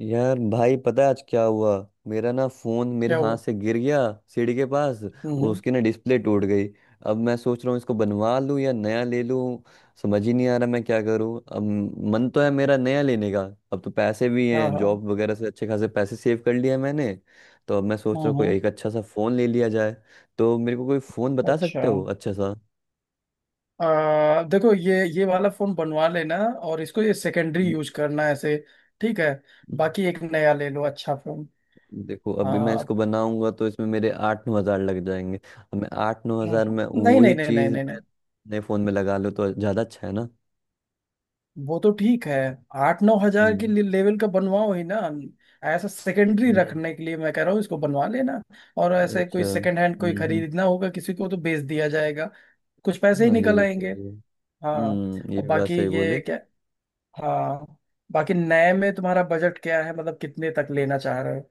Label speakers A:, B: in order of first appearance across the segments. A: यार भाई, पता है आज क्या हुआ? मेरा ना फोन मेरे
B: क्या
A: हाथ
B: हुआ?
A: से गिर गया, सीढ़ी के पास।
B: हम्म।
A: उसकी ना डिस्प्ले टूट गई। अब मैं सोच रहा हूँ इसको बनवा लूँ या नया ले लूँ। समझ ही नहीं आ रहा मैं क्या करूँ अब। मन तो है मेरा नया लेने का। अब तो पैसे भी
B: हाँ
A: हैं,
B: हाँ।
A: जॉब वगैरह से अच्छे खासे पैसे सेव कर लिए हैं मैंने। तो अब मैं सोच रहा हूँ कोई
B: हम्म।
A: एक अच्छा सा फोन ले लिया जाए। तो मेरे को कोई फोन बता
B: अच्छा।
A: सकते हो अच्छा सा?
B: देखो ये वाला फोन बनवा लेना। और इसको ये सेकेंडरी यूज करना ऐसे। ठीक है।
A: हम्म।
B: बाकी एक नया ले लो अच्छा फोन।
A: देखो अभी मैं
B: आ,
A: इसको बनाऊंगा तो इसमें मेरे 8-9 हजार लग जाएंगे, अब मैं 8-9 हजार में
B: नहीं
A: वही
B: नहीं नहीं नहीं
A: चीज
B: नहीं नहीं।
A: मैं नए फोन में लगा लूँ तो ज्यादा अच्छा है ना?
B: वो तो ठीक है। 8-9 हजार के
A: हम्म,
B: लेवल का बनवाओ ही ना। ऐसा सेकेंडरी
A: हम्म,
B: रखने के लिए मैं कह रहा हूँ इसको बनवा लेना। और ऐसे कोई
A: अच्छा,
B: सेकेंड हैंड कोई
A: हम्म,
B: खरीदना होगा, किसी को तो बेच दिया जाएगा। कुछ पैसे ही
A: हाँ ये
B: निकल
A: भी
B: आएंगे।
A: सही है।
B: हाँ।
A: हम्म, ये
B: और
A: भी बात
B: बाकी
A: सही
B: ये
A: बोले।
B: क्या? हाँ। बाकी नए में तुम्हारा बजट क्या है, मतलब कितने तक लेना चाह रहे हो?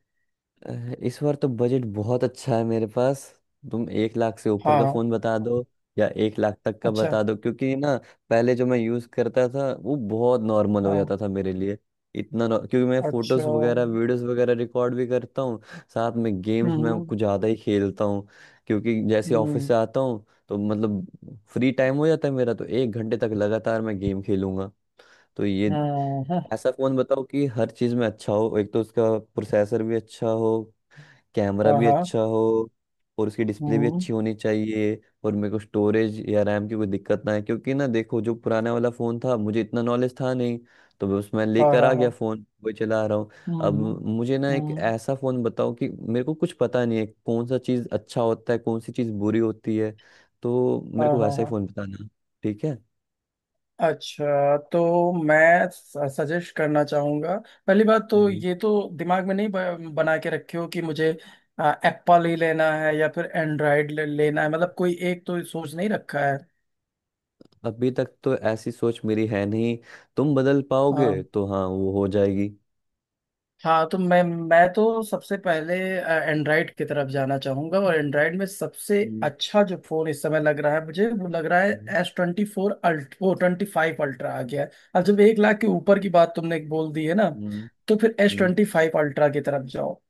A: अ, इस बार तो बजट बहुत अच्छा है मेरे पास। तुम 1 लाख से ऊपर का
B: हाँ।
A: फोन बता दो, या 1 लाख तक का
B: अच्छा।
A: बता दो, क्योंकि ना पहले जो मैं यूज करता था वो बहुत नॉर्मल हो
B: हाँ।
A: जाता था मेरे लिए। इतना क्योंकि मैं
B: अच्छा।
A: फोटोज वगैरह वीडियोस वगैरह रिकॉर्ड भी करता हूँ, साथ में गेम्स में
B: हम्म
A: कुछ ज्यादा ही खेलता हूँ। क्योंकि जैसे ऑफिस
B: हम्म।
A: से आता हूँ तो मतलब फ्री टाइम हो जाता है मेरा, तो 1 घंटे तक लगातार मैं गेम खेलूंगा। तो ये
B: हाँ हाँ
A: ऐसा फोन बताओ कि हर चीज में अच्छा हो, एक तो उसका प्रोसेसर भी अच्छा हो, कैमरा
B: हाँ
A: भी
B: हाँ।
A: अच्छा हो, और उसकी डिस्प्ले भी
B: हम्म।
A: अच्छी होनी चाहिए। और मेरे को स्टोरेज या रैम की कोई दिक्कत ना है, क्योंकि ना देखो जो पुराना वाला फ़ोन था मुझे इतना नॉलेज था नहीं, तो बस मैं
B: हाँ
A: लेकर
B: हाँ
A: आ गया
B: हाँ।
A: फ़ोन, वही चला रहा हूँ। अब
B: हम्म
A: मुझे ना एक
B: हम्म।
A: ऐसा फ़ोन बताओ, कि मेरे को कुछ पता नहीं है कौन सा चीज़ अच्छा होता है कौन सी चीज़ बुरी होती है, तो
B: हाँ
A: मेरे को
B: हाँ
A: वैसा ही
B: हाँ।
A: फ़ोन बताना। ठीक है?
B: अच्छा, तो मैं सजेस्ट करना चाहूँगा। पहली बात तो
A: हम्म,
B: ये तो दिमाग में नहीं बना के रखे हो, कि मुझे एप्पल ही लेना है या फिर एंड्रॉयड लेना है, मतलब कोई एक तो सोच नहीं रखा है।
A: अभी तक तो ऐसी सोच मेरी है नहीं। तुम बदल पाओगे
B: हाँ,
A: तो हाँ वो हो जाएगी।
B: हाँ तो मैं तो सबसे पहले एंड्रॉयड की तरफ जाना चाहूंगा। और एंड्रॉयड में सबसे
A: हम्म,
B: अच्छा जो फोन इस समय लग रहा है मुझे वो लग रहा है,
A: हम्म,
B: एस ट्वेंटी फोर अल्ट वो ट्वेंटी फाइव अल्ट्रा आ गया है। अब जब 1 लाख के ऊपर की बात तुमने बोल दी है ना,
A: हम्म,
B: तो फिर एस
A: हम्म।
B: ट्वेंटी फाइव अल्ट्रा की तरफ जाओ।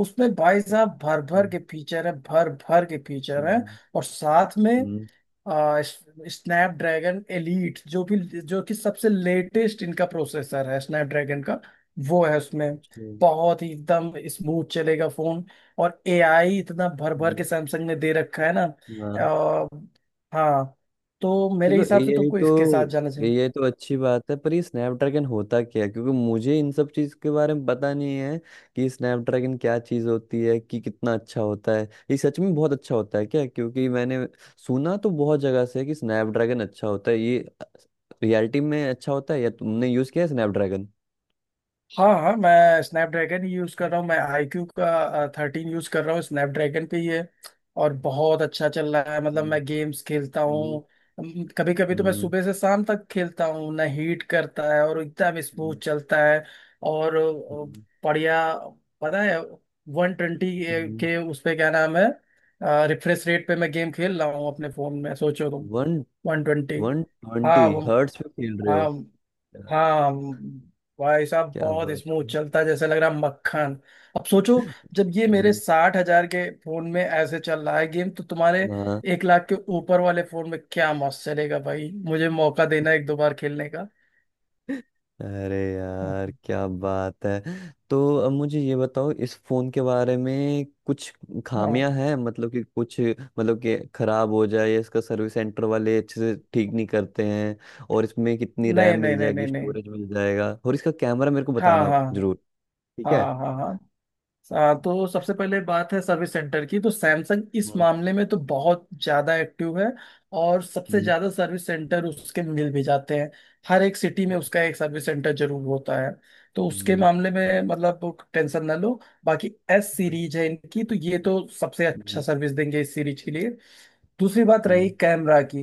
B: उसमें भाई साहब भर भर
A: हम्म,
B: के फीचर है, भर भर के फीचर है।
A: हम्म,
B: और साथ में
A: हम्म,
B: स्नैपड्रैगन एलीट, जो कि सबसे लेटेस्ट इनका प्रोसेसर है स्नैपड्रैगन का, वो है उसमें।
A: हम्म,
B: बहुत ही एकदम स्मूथ चलेगा फोन। और AI इतना भर भर के
A: हम्म,
B: सैमसंग ने दे रखा है ना।
A: हाँ।
B: आ, हाँ। तो मेरे
A: चलो
B: हिसाब से
A: एआई
B: तुमको
A: तो,
B: इसके साथ जाना चाहिए।
A: एआई तो अच्छी बात है, पर ये स्नैपड्रैगन होता क्या है? क्योंकि मुझे इन सब चीज के बारे में पता नहीं है कि स्नैपड्रैगन क्या चीज होती है, कि कितना अच्छा होता है। ये सच में बहुत अच्छा होता है क्या? क्योंकि मैंने सुना तो बहुत जगह से है कि स्नैपड्रैगन अच्छा होता है। ये रियलिटी में अच्छा होता है, या तुमने यूज किया है स्नैपड्रैगन?
B: हाँ हाँ, मैं स्नैपड्रैगन ही यूज़ कर रहा हूँ। मैं आईक्यू का 13 यूज़ कर रहा हूँ स्नैपड्रैगन पे ये। और बहुत अच्छा चल रहा है, मतलब
A: हम्म,
B: मैं गेम्स खेलता
A: हम्म,
B: हूँ। कभी कभी तो मैं
A: हम्म,
B: सुबह से शाम तक खेलता हूँ ना, हीट करता है और एकदम स्मूथ
A: हम्म,
B: चलता है। और
A: हम्म,
B: बढ़िया। पता है, 120
A: हम्म,
B: के उस पे क्या नाम है, रिफ्रेश रेट पे मैं गेम खेल रहा हूँ अपने फ़ोन में, सोचो तुम।
A: वन
B: 120।
A: वन ट्वेंटी
B: हाँ वो।
A: हर्ट्स पे खेल रहे
B: हाँ।
A: हो?
B: हाँ। भाई साहब
A: क्या
B: बहुत
A: बात
B: स्मूथ
A: है।
B: चलता है, जैसे लग रहा है मक्खन। अब सोचो, जब ये मेरे
A: हम्म,
B: 60 हजार के फोन में ऐसे चल रहा है गेम, तो तुम्हारे
A: हाँ।
B: 1 लाख के ऊपर वाले फोन में क्या मस्त चलेगा, भाई मुझे मौका देना एक दो बार खेलने का।
A: अरे यार क्या बात है, तो अब मुझे ये बताओ इस फोन के बारे में कुछ
B: हाँ।
A: खामियां हैं, मतलब कि कुछ, मतलब कि खराब हो जाए, या इसका सर्विस सेंटर वाले अच्छे से ठीक नहीं करते हैं, और इसमें कितनी
B: नहीं
A: रैम
B: नहीं
A: मिल
B: नहीं नहीं
A: जाएगी,
B: नहीं।
A: स्टोरेज मिल जाएगा, और इसका कैमरा मेरे को
B: हाँ
A: बताना
B: हाँ।
A: जरूर। ठीक
B: हाँ
A: है।
B: हाँ हाँ। तो सबसे पहले बात है सर्विस सेंटर की। तो सैमसंग इस
A: हम्म,
B: मामले में तो बहुत ज़्यादा एक्टिव है, और सबसे
A: हम्म,
B: ज़्यादा सर्विस सेंटर उसके मिल भी जाते हैं। हर एक सिटी में उसका एक सर्विस सेंटर जरूर होता है। तो उसके
A: हम्म,
B: मामले में मतलब टेंशन ना लो। बाकी एस सीरीज है इनकी, तो ये तो सबसे अच्छा
A: हम्म,
B: सर्विस देंगे इस सीरीज के लिए। दूसरी बात रही
A: हम्म,
B: कैमरा की।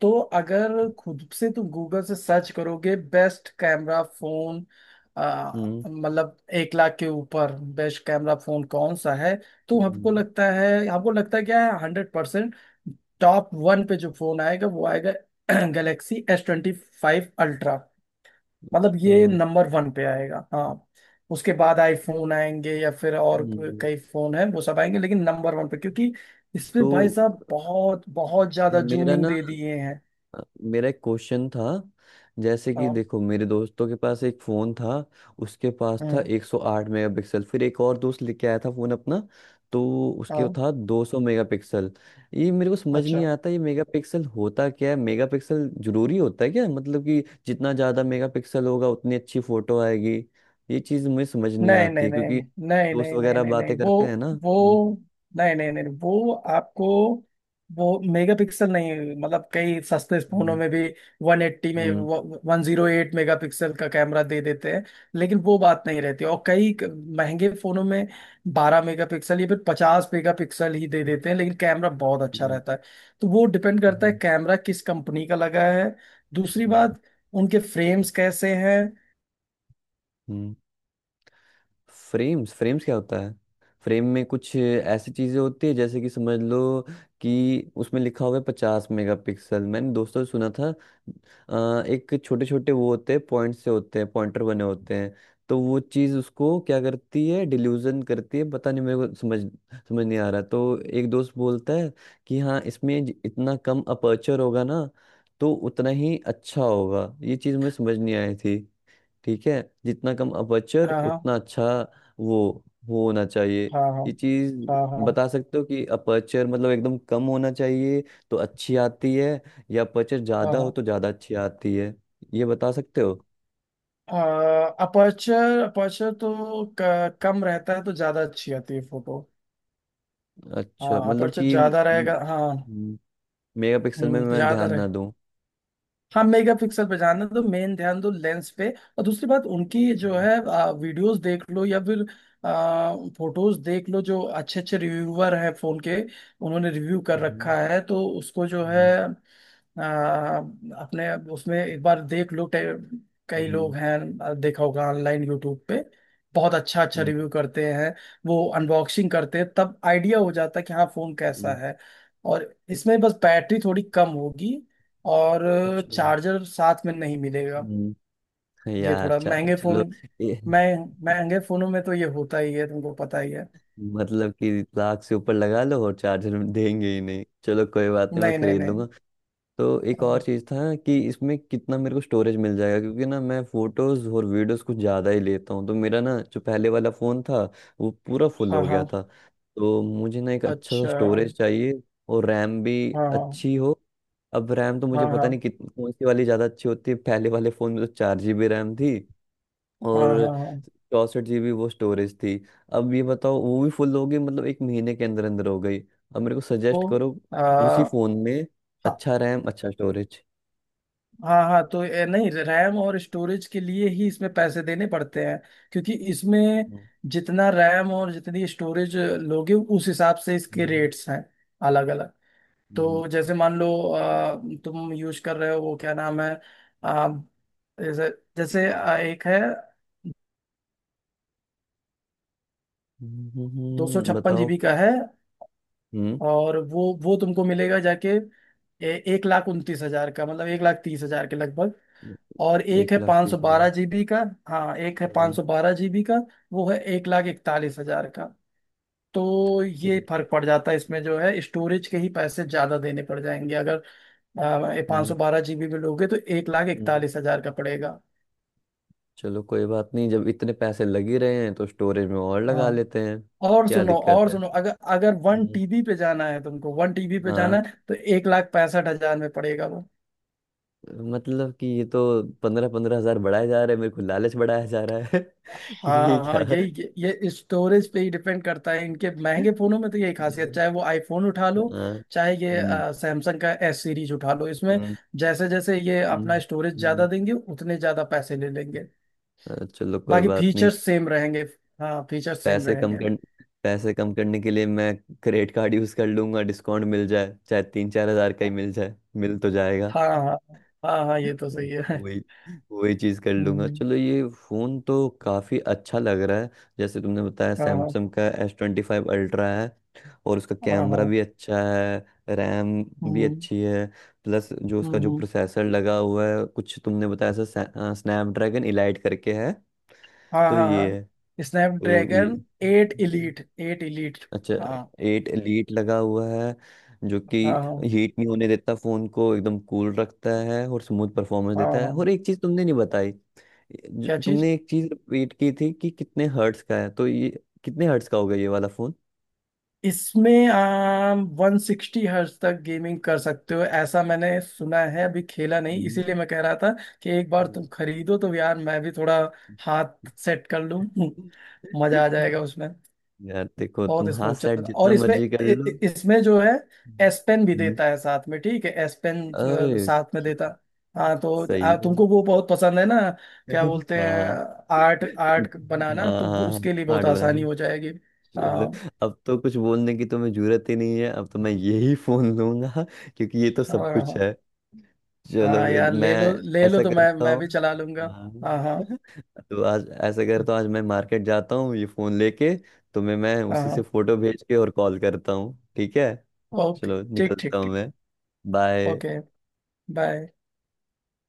B: तो अगर खुद से तुम गूगल से सर्च करोगे, बेस्ट कैमरा फोन, आ,
A: हम्म,
B: मतलब एक लाख के ऊपर बेस्ट कैमरा फोन कौन सा है, तो हमको
A: हम्म,
B: लगता है, हमको लगता है क्या है, 100% टॉप वन पे जो फोन आएगा वो आएगा। Galaxy S25 ultra. मतलब
A: अच्छा,
B: ये नंबर वन पे आएगा, हाँ। उसके बाद आईफोन आएंगे या फिर और
A: हम्म,
B: कई फोन है वो सब आएंगे, लेकिन नंबर वन पे, क्योंकि इसमें
A: तो
B: भाई साहब बहुत बहुत ज्यादा
A: मेरा
B: जूमिंग
A: ना
B: दे दिए हैं।
A: मेरा एक क्वेश्चन था। जैसे कि
B: हाँ।
A: देखो मेरे दोस्तों के पास एक फ़ोन था, उसके पास था
B: हम्म,
A: 108 मेगापिक्सल। फिर एक और दोस्त लेके आया था फ़ोन अपना, तो उसके
B: हाँ।
A: था 200 मेगापिक्सल। ये मेरे को समझ
B: अच्छा।
A: नहीं आता, ये मेगापिक्सल होता क्या है? मेगापिक्सल ज़रूरी होता है क्या, मतलब कि जितना ज़्यादा मेगापिक्सल होगा उतनी अच्छी फ़ोटो आएगी? ये चीज़ मुझे समझ नहीं
B: नहीं
A: आती
B: नहीं
A: है, क्योंकि
B: नहीं नहीं
A: दोस्त
B: नहीं नहीं
A: वगैरह
B: नहीं नहीं।
A: बातें
B: वो
A: करते हैं ना।
B: वो
A: हम्म,
B: नहीं नहीं नहीं, वो आपको वो मेगापिक्सल नहीं, मतलब कई सस्ते फोनों
A: हम्म,
B: में भी 180 में
A: हम्म,
B: 108 मेगापिक्सल का कैमरा दे देते हैं। लेकिन वो बात नहीं रहती, और कई महंगे फोनों में 12 मेगापिक्सल या फिर 50 मेगापिक्सल ही दे देते हैं, लेकिन कैमरा बहुत अच्छा
A: हम्म,
B: रहता है। तो वो डिपेंड करता है
A: हम्म,
B: कैमरा किस कंपनी का लगा है। दूसरी
A: हम्म,
B: बात, उनके फ्रेम्स कैसे हैं।
A: हम्म, फ्रेम्स फ्रेम्स क्या होता है? फ्रेम में कुछ ऐसी चीजें होती है, जैसे कि समझ लो कि उसमें लिखा हुआ है 50 मेगापिक्सल, मैंने दोस्तों से सुना था। एक छोटे छोटे वो होते हैं, पॉइंट से होते हैं, पॉइंटर बने होते हैं, तो वो चीज उसको क्या करती है, डिल्यूजन करती है, पता नहीं मेरे को समझ समझ नहीं आ रहा। तो एक दोस्त बोलता है कि हाँ इसमें इतना कम अपर्चर होगा ना, तो उतना ही अच्छा होगा। ये चीज मुझे समझ नहीं आई थी। ठीक है, जितना कम अपर्चर
B: हाँ हाँ
A: उतना अच्छा, वो वो होना चाहिए।
B: हाँ हाँ
A: ये चीज
B: हाँ हाँ
A: बता सकते हो कि अपर्चर मतलब एकदम कम होना चाहिए तो अच्छी आती है, या अपर्चर ज्यादा हो
B: हाँ।
A: तो ज्यादा अच्छी आती है? ये बता सकते हो?
B: अपर्चर अपर्चर तो कम रहता है तो ज्यादा अच्छी आती है फोटो।
A: अच्छा,
B: हाँ,
A: मतलब
B: अपर्चर
A: कि
B: ज्यादा रहेगा, हाँ,
A: मेगापिक्सल में मैं
B: ज्यादा
A: ध्यान ना
B: रहेगा।
A: दूं।
B: हाँ, मेगापिक्सल पे ध्यान दो, मेन ध्यान दो लेंस पे। और दूसरी बात उनकी जो
A: हम्म,
B: है, वीडियोस देख लो या फिर फोटोज देख लो, जो अच्छे अच्छे रिव्यूअर हैं फोन के, उन्होंने रिव्यू कर
A: हम्म,
B: रखा है, तो उसको जो है,
A: हम्म,
B: अपने उसमें एक बार देख लो, कई
A: हम्म,
B: लोग हैं। देखा होगा ऑनलाइन यूट्यूब पे, बहुत अच्छा अच्छा
A: हम्म,
B: रिव्यू करते हैं। वो अनबॉक्सिंग करते हैं तब आइडिया हो जाता है कि हाँ फोन कैसा
A: हम्म,
B: है। और इसमें बस बैटरी थोड़ी कम होगी, और
A: अच्छा,
B: चार्जर साथ में नहीं मिलेगा।
A: हम्म,
B: ये
A: यार
B: थोड़ा महंगे फोन,
A: चलो,
B: मैं महंगे फोनों में तो ये होता ही है, तुमको पता ही है।
A: मतलब कि लाख से ऊपर लगा लो और चार्जर देंगे ही नहीं? चलो कोई बात नहीं, मैं
B: नहीं नहीं
A: खरीद
B: नहीं।
A: लूंगा। तो एक और
B: हाँ
A: चीज़ था कि इसमें कितना मेरे को स्टोरेज मिल जाएगा, क्योंकि ना मैं फोटोज और वीडियोस कुछ ज़्यादा ही लेता हूँ, तो मेरा ना जो पहले वाला फ़ोन था वो पूरा फुल
B: हाँ
A: हो गया था,
B: हाँ।
A: तो मुझे ना एक अच्छा सा
B: अच्छा।
A: स्टोरेज चाहिए, और रैम भी
B: हाँ हाँ
A: अच्छी हो। अब रैम तो
B: हाँ
A: मुझे पता
B: हाँ
A: नहीं कितनी कौन सी वाली ज़्यादा अच्छी होती है, पहले वाले फ़ोन में तो 4 GB रैम थी
B: हाँ
A: और
B: हाँ हाँ।
A: 64 GB वो स्टोरेज थी। अब ये बताओ वो भी फुल हो गई, मतलब 1 महीने के अंदर अंदर हो गई। अब मेरे को सजेस्ट
B: तो
A: करो उसी
B: आ,
A: फोन में
B: हाँ
A: अच्छा रैम अच्छा स्टोरेज।
B: हाँ हाँ, तो ये नहीं, रैम और स्टोरेज के लिए ही इसमें पैसे देने पड़ते हैं, क्योंकि इसमें
A: हम्म,
B: जितना रैम और जितनी स्टोरेज लोगे उस हिसाब से इसके रेट्स हैं अलग अलग।
A: हम्म,
B: तो जैसे मान लो, तुम यूज कर रहे हो वो क्या नाम है, अ, जैसे जैसे, एक है दो सौ छप्पन
A: बताओ
B: जीबी का है,
A: हम्म।
B: और वो तुमको मिलेगा जाके, 1,29,000 का, मतलब 1,30,000 के लगभग। और एक
A: एक
B: है
A: लाख
B: पाँच सौ
A: तीस हजार
B: बारह जीबी का। हाँ, एक है पाँच
A: हम्म,
B: सौ बारह जीबी का, वो है 1,41,000 का। तो ये
A: एक,
B: फर्क पड़ जाता है, इसमें जो है स्टोरेज के ही पैसे ज्यादा देने पड़ जाएंगे, अगर पाँच सौ
A: हम्म,
B: बारह जीबी में लोगे तो एक लाख
A: हम्म,
B: इकतालीस हजार का पड़ेगा।
A: चलो कोई बात नहीं, जब इतने पैसे लग ही रहे हैं तो स्टोरेज में और लगा
B: हाँ।
A: लेते हैं,
B: और
A: क्या
B: सुनो,
A: दिक्कत
B: और
A: है।
B: सुनो, अगर अगर वन
A: हम्म,
B: टीबी पे जाना है, तुमको 1 TB पे जाना
A: हाँ,
B: है तो 1,65,000 में पड़ेगा वो।
A: मतलब कि ये तो 15-15 हजार बढ़ाए जा रहे हैं, मेरे को लालच बढ़ाया जा रहा है। ये
B: हाँ हाँ,
A: क्या।
B: यही ये स्टोरेज पे ही डिपेंड करता है इनके महंगे फोनों में, तो यही खासियत,
A: हम्म,
B: चाहे वो आईफोन उठा लो
A: हाँ,
B: चाहे ये
A: हम्म,
B: सैमसंग का एस सीरीज उठा लो। इसमें
A: हम्म,
B: जैसे जैसे ये अपना
A: हम्म,
B: स्टोरेज
A: हम्म।
B: ज्यादा देंगे उतने ज्यादा पैसे ले लेंगे।
A: चलो कोई
B: बाकी
A: बात नहीं।
B: फीचर्स सेम रहेंगे। हाँ फीचर्स सेम
A: पैसे कम
B: रहेंगे।
A: कर, पैसे कम करने के लिए मैं क्रेडिट कार्ड यूज कर लूंगा, डिस्काउंट मिल जाए, चाहे 3-4 हजार का ही मिल जाए, मिल तो जाएगा।
B: हाँ हाँ हाँ हाँ, ये तो सही है।
A: वही वही चीज कर लूंगा।
B: हम्म,
A: चलो ये फोन तो काफी अच्छा लग रहा है, जैसे तुमने बताया
B: हाँ हाँ
A: सैमसंग का S25 अल्ट्रा है, और उसका
B: हाँ
A: कैमरा
B: हाँ।
A: भी अच्छा है, रैम भी
B: हम्म
A: अच्छी है, प्लस जो
B: हम्म
A: उसका जो
B: हम्म।
A: प्रोसेसर लगा हुआ है कुछ तुमने बताया था, स्नैपड्रैगन इलाइट करके है।
B: हाँ
A: तो
B: हाँ
A: ये है,
B: हाँ,
A: तो ये
B: स्नैपड्रैगन 8 Elite, 8 Elite।
A: अच्छा,
B: हाँ
A: एट एलीट लगा हुआ है, जो कि
B: हाँ हाँ
A: हीट नहीं होने देता फोन को, एकदम कूल रखता है और स्मूथ परफॉर्मेंस
B: हाँ
A: देता है।
B: हाँ।
A: और एक चीज तुमने नहीं बताई,
B: क्या चीज?
A: तुमने एक चीज रिपीट की थी कि कितने हर्ट्स का है, तो ये कितने हर्ट्स का होगा ये वाला फोन?
B: इसमें आप 160 हर्ट्ज तक गेमिंग कर सकते हो, ऐसा मैंने सुना है, अभी खेला नहीं,
A: हम्म।
B: इसीलिए मैं कह रहा था कि एक बार तुम
A: हम्म।
B: खरीदो तो यार मैं भी थोड़ा हाथ सेट कर लूं। मजा आ जाएगा उसमें।
A: यार देखो
B: बहुत
A: तुम हाँ
B: स्मूथ
A: सेट
B: चल। और
A: जितना
B: इसमें
A: मर्जी कर लो।
B: इसमें जो है एस पेन भी
A: हम्म,
B: देता है साथ में, ठीक है, एस पेन
A: अरे
B: साथ में
A: कि-
B: देता। हाँ, तो
A: सही है।
B: तुमको वो बहुत पसंद है ना। क्या बोलते हैं,
A: हाँ,
B: आर्ट आर्ट बनाना,
A: हाँ,
B: तो वो
A: हाँ,
B: उसके लिए बहुत
A: हार्ड
B: आसानी
A: बनाना।
B: हो जाएगी।
A: चलो,
B: हाँ
A: अब तो कुछ बोलने की तुम्हें जरूरत ही नहीं है, अब तो मैं यही फोन लूंगा, क्योंकि ये तो
B: हाँ
A: सब कुछ
B: हाँ।
A: है। चलो
B: हाँ
A: फिर
B: यार,
A: मैं
B: ले लो ले लो,
A: ऐसा
B: तो मैं
A: करता
B: मैं भी
A: हूँ,
B: चला लूंगा।
A: हाँ।
B: हाँ हाँ
A: तो आज ऐसा करता हूँ, आज मैं मार्केट जाता हूँ ये फोन लेके। तुम्हें मैं
B: हाँ
A: उसी से
B: हाँ।
A: फोटो भेज के और कॉल करता हूँ, ठीक है।
B: ओके।
A: चलो
B: ठीक
A: निकलता
B: ठीक
A: हूँ
B: ठीक।
A: मैं।
B: ओके।
A: बाय।
B: बाय।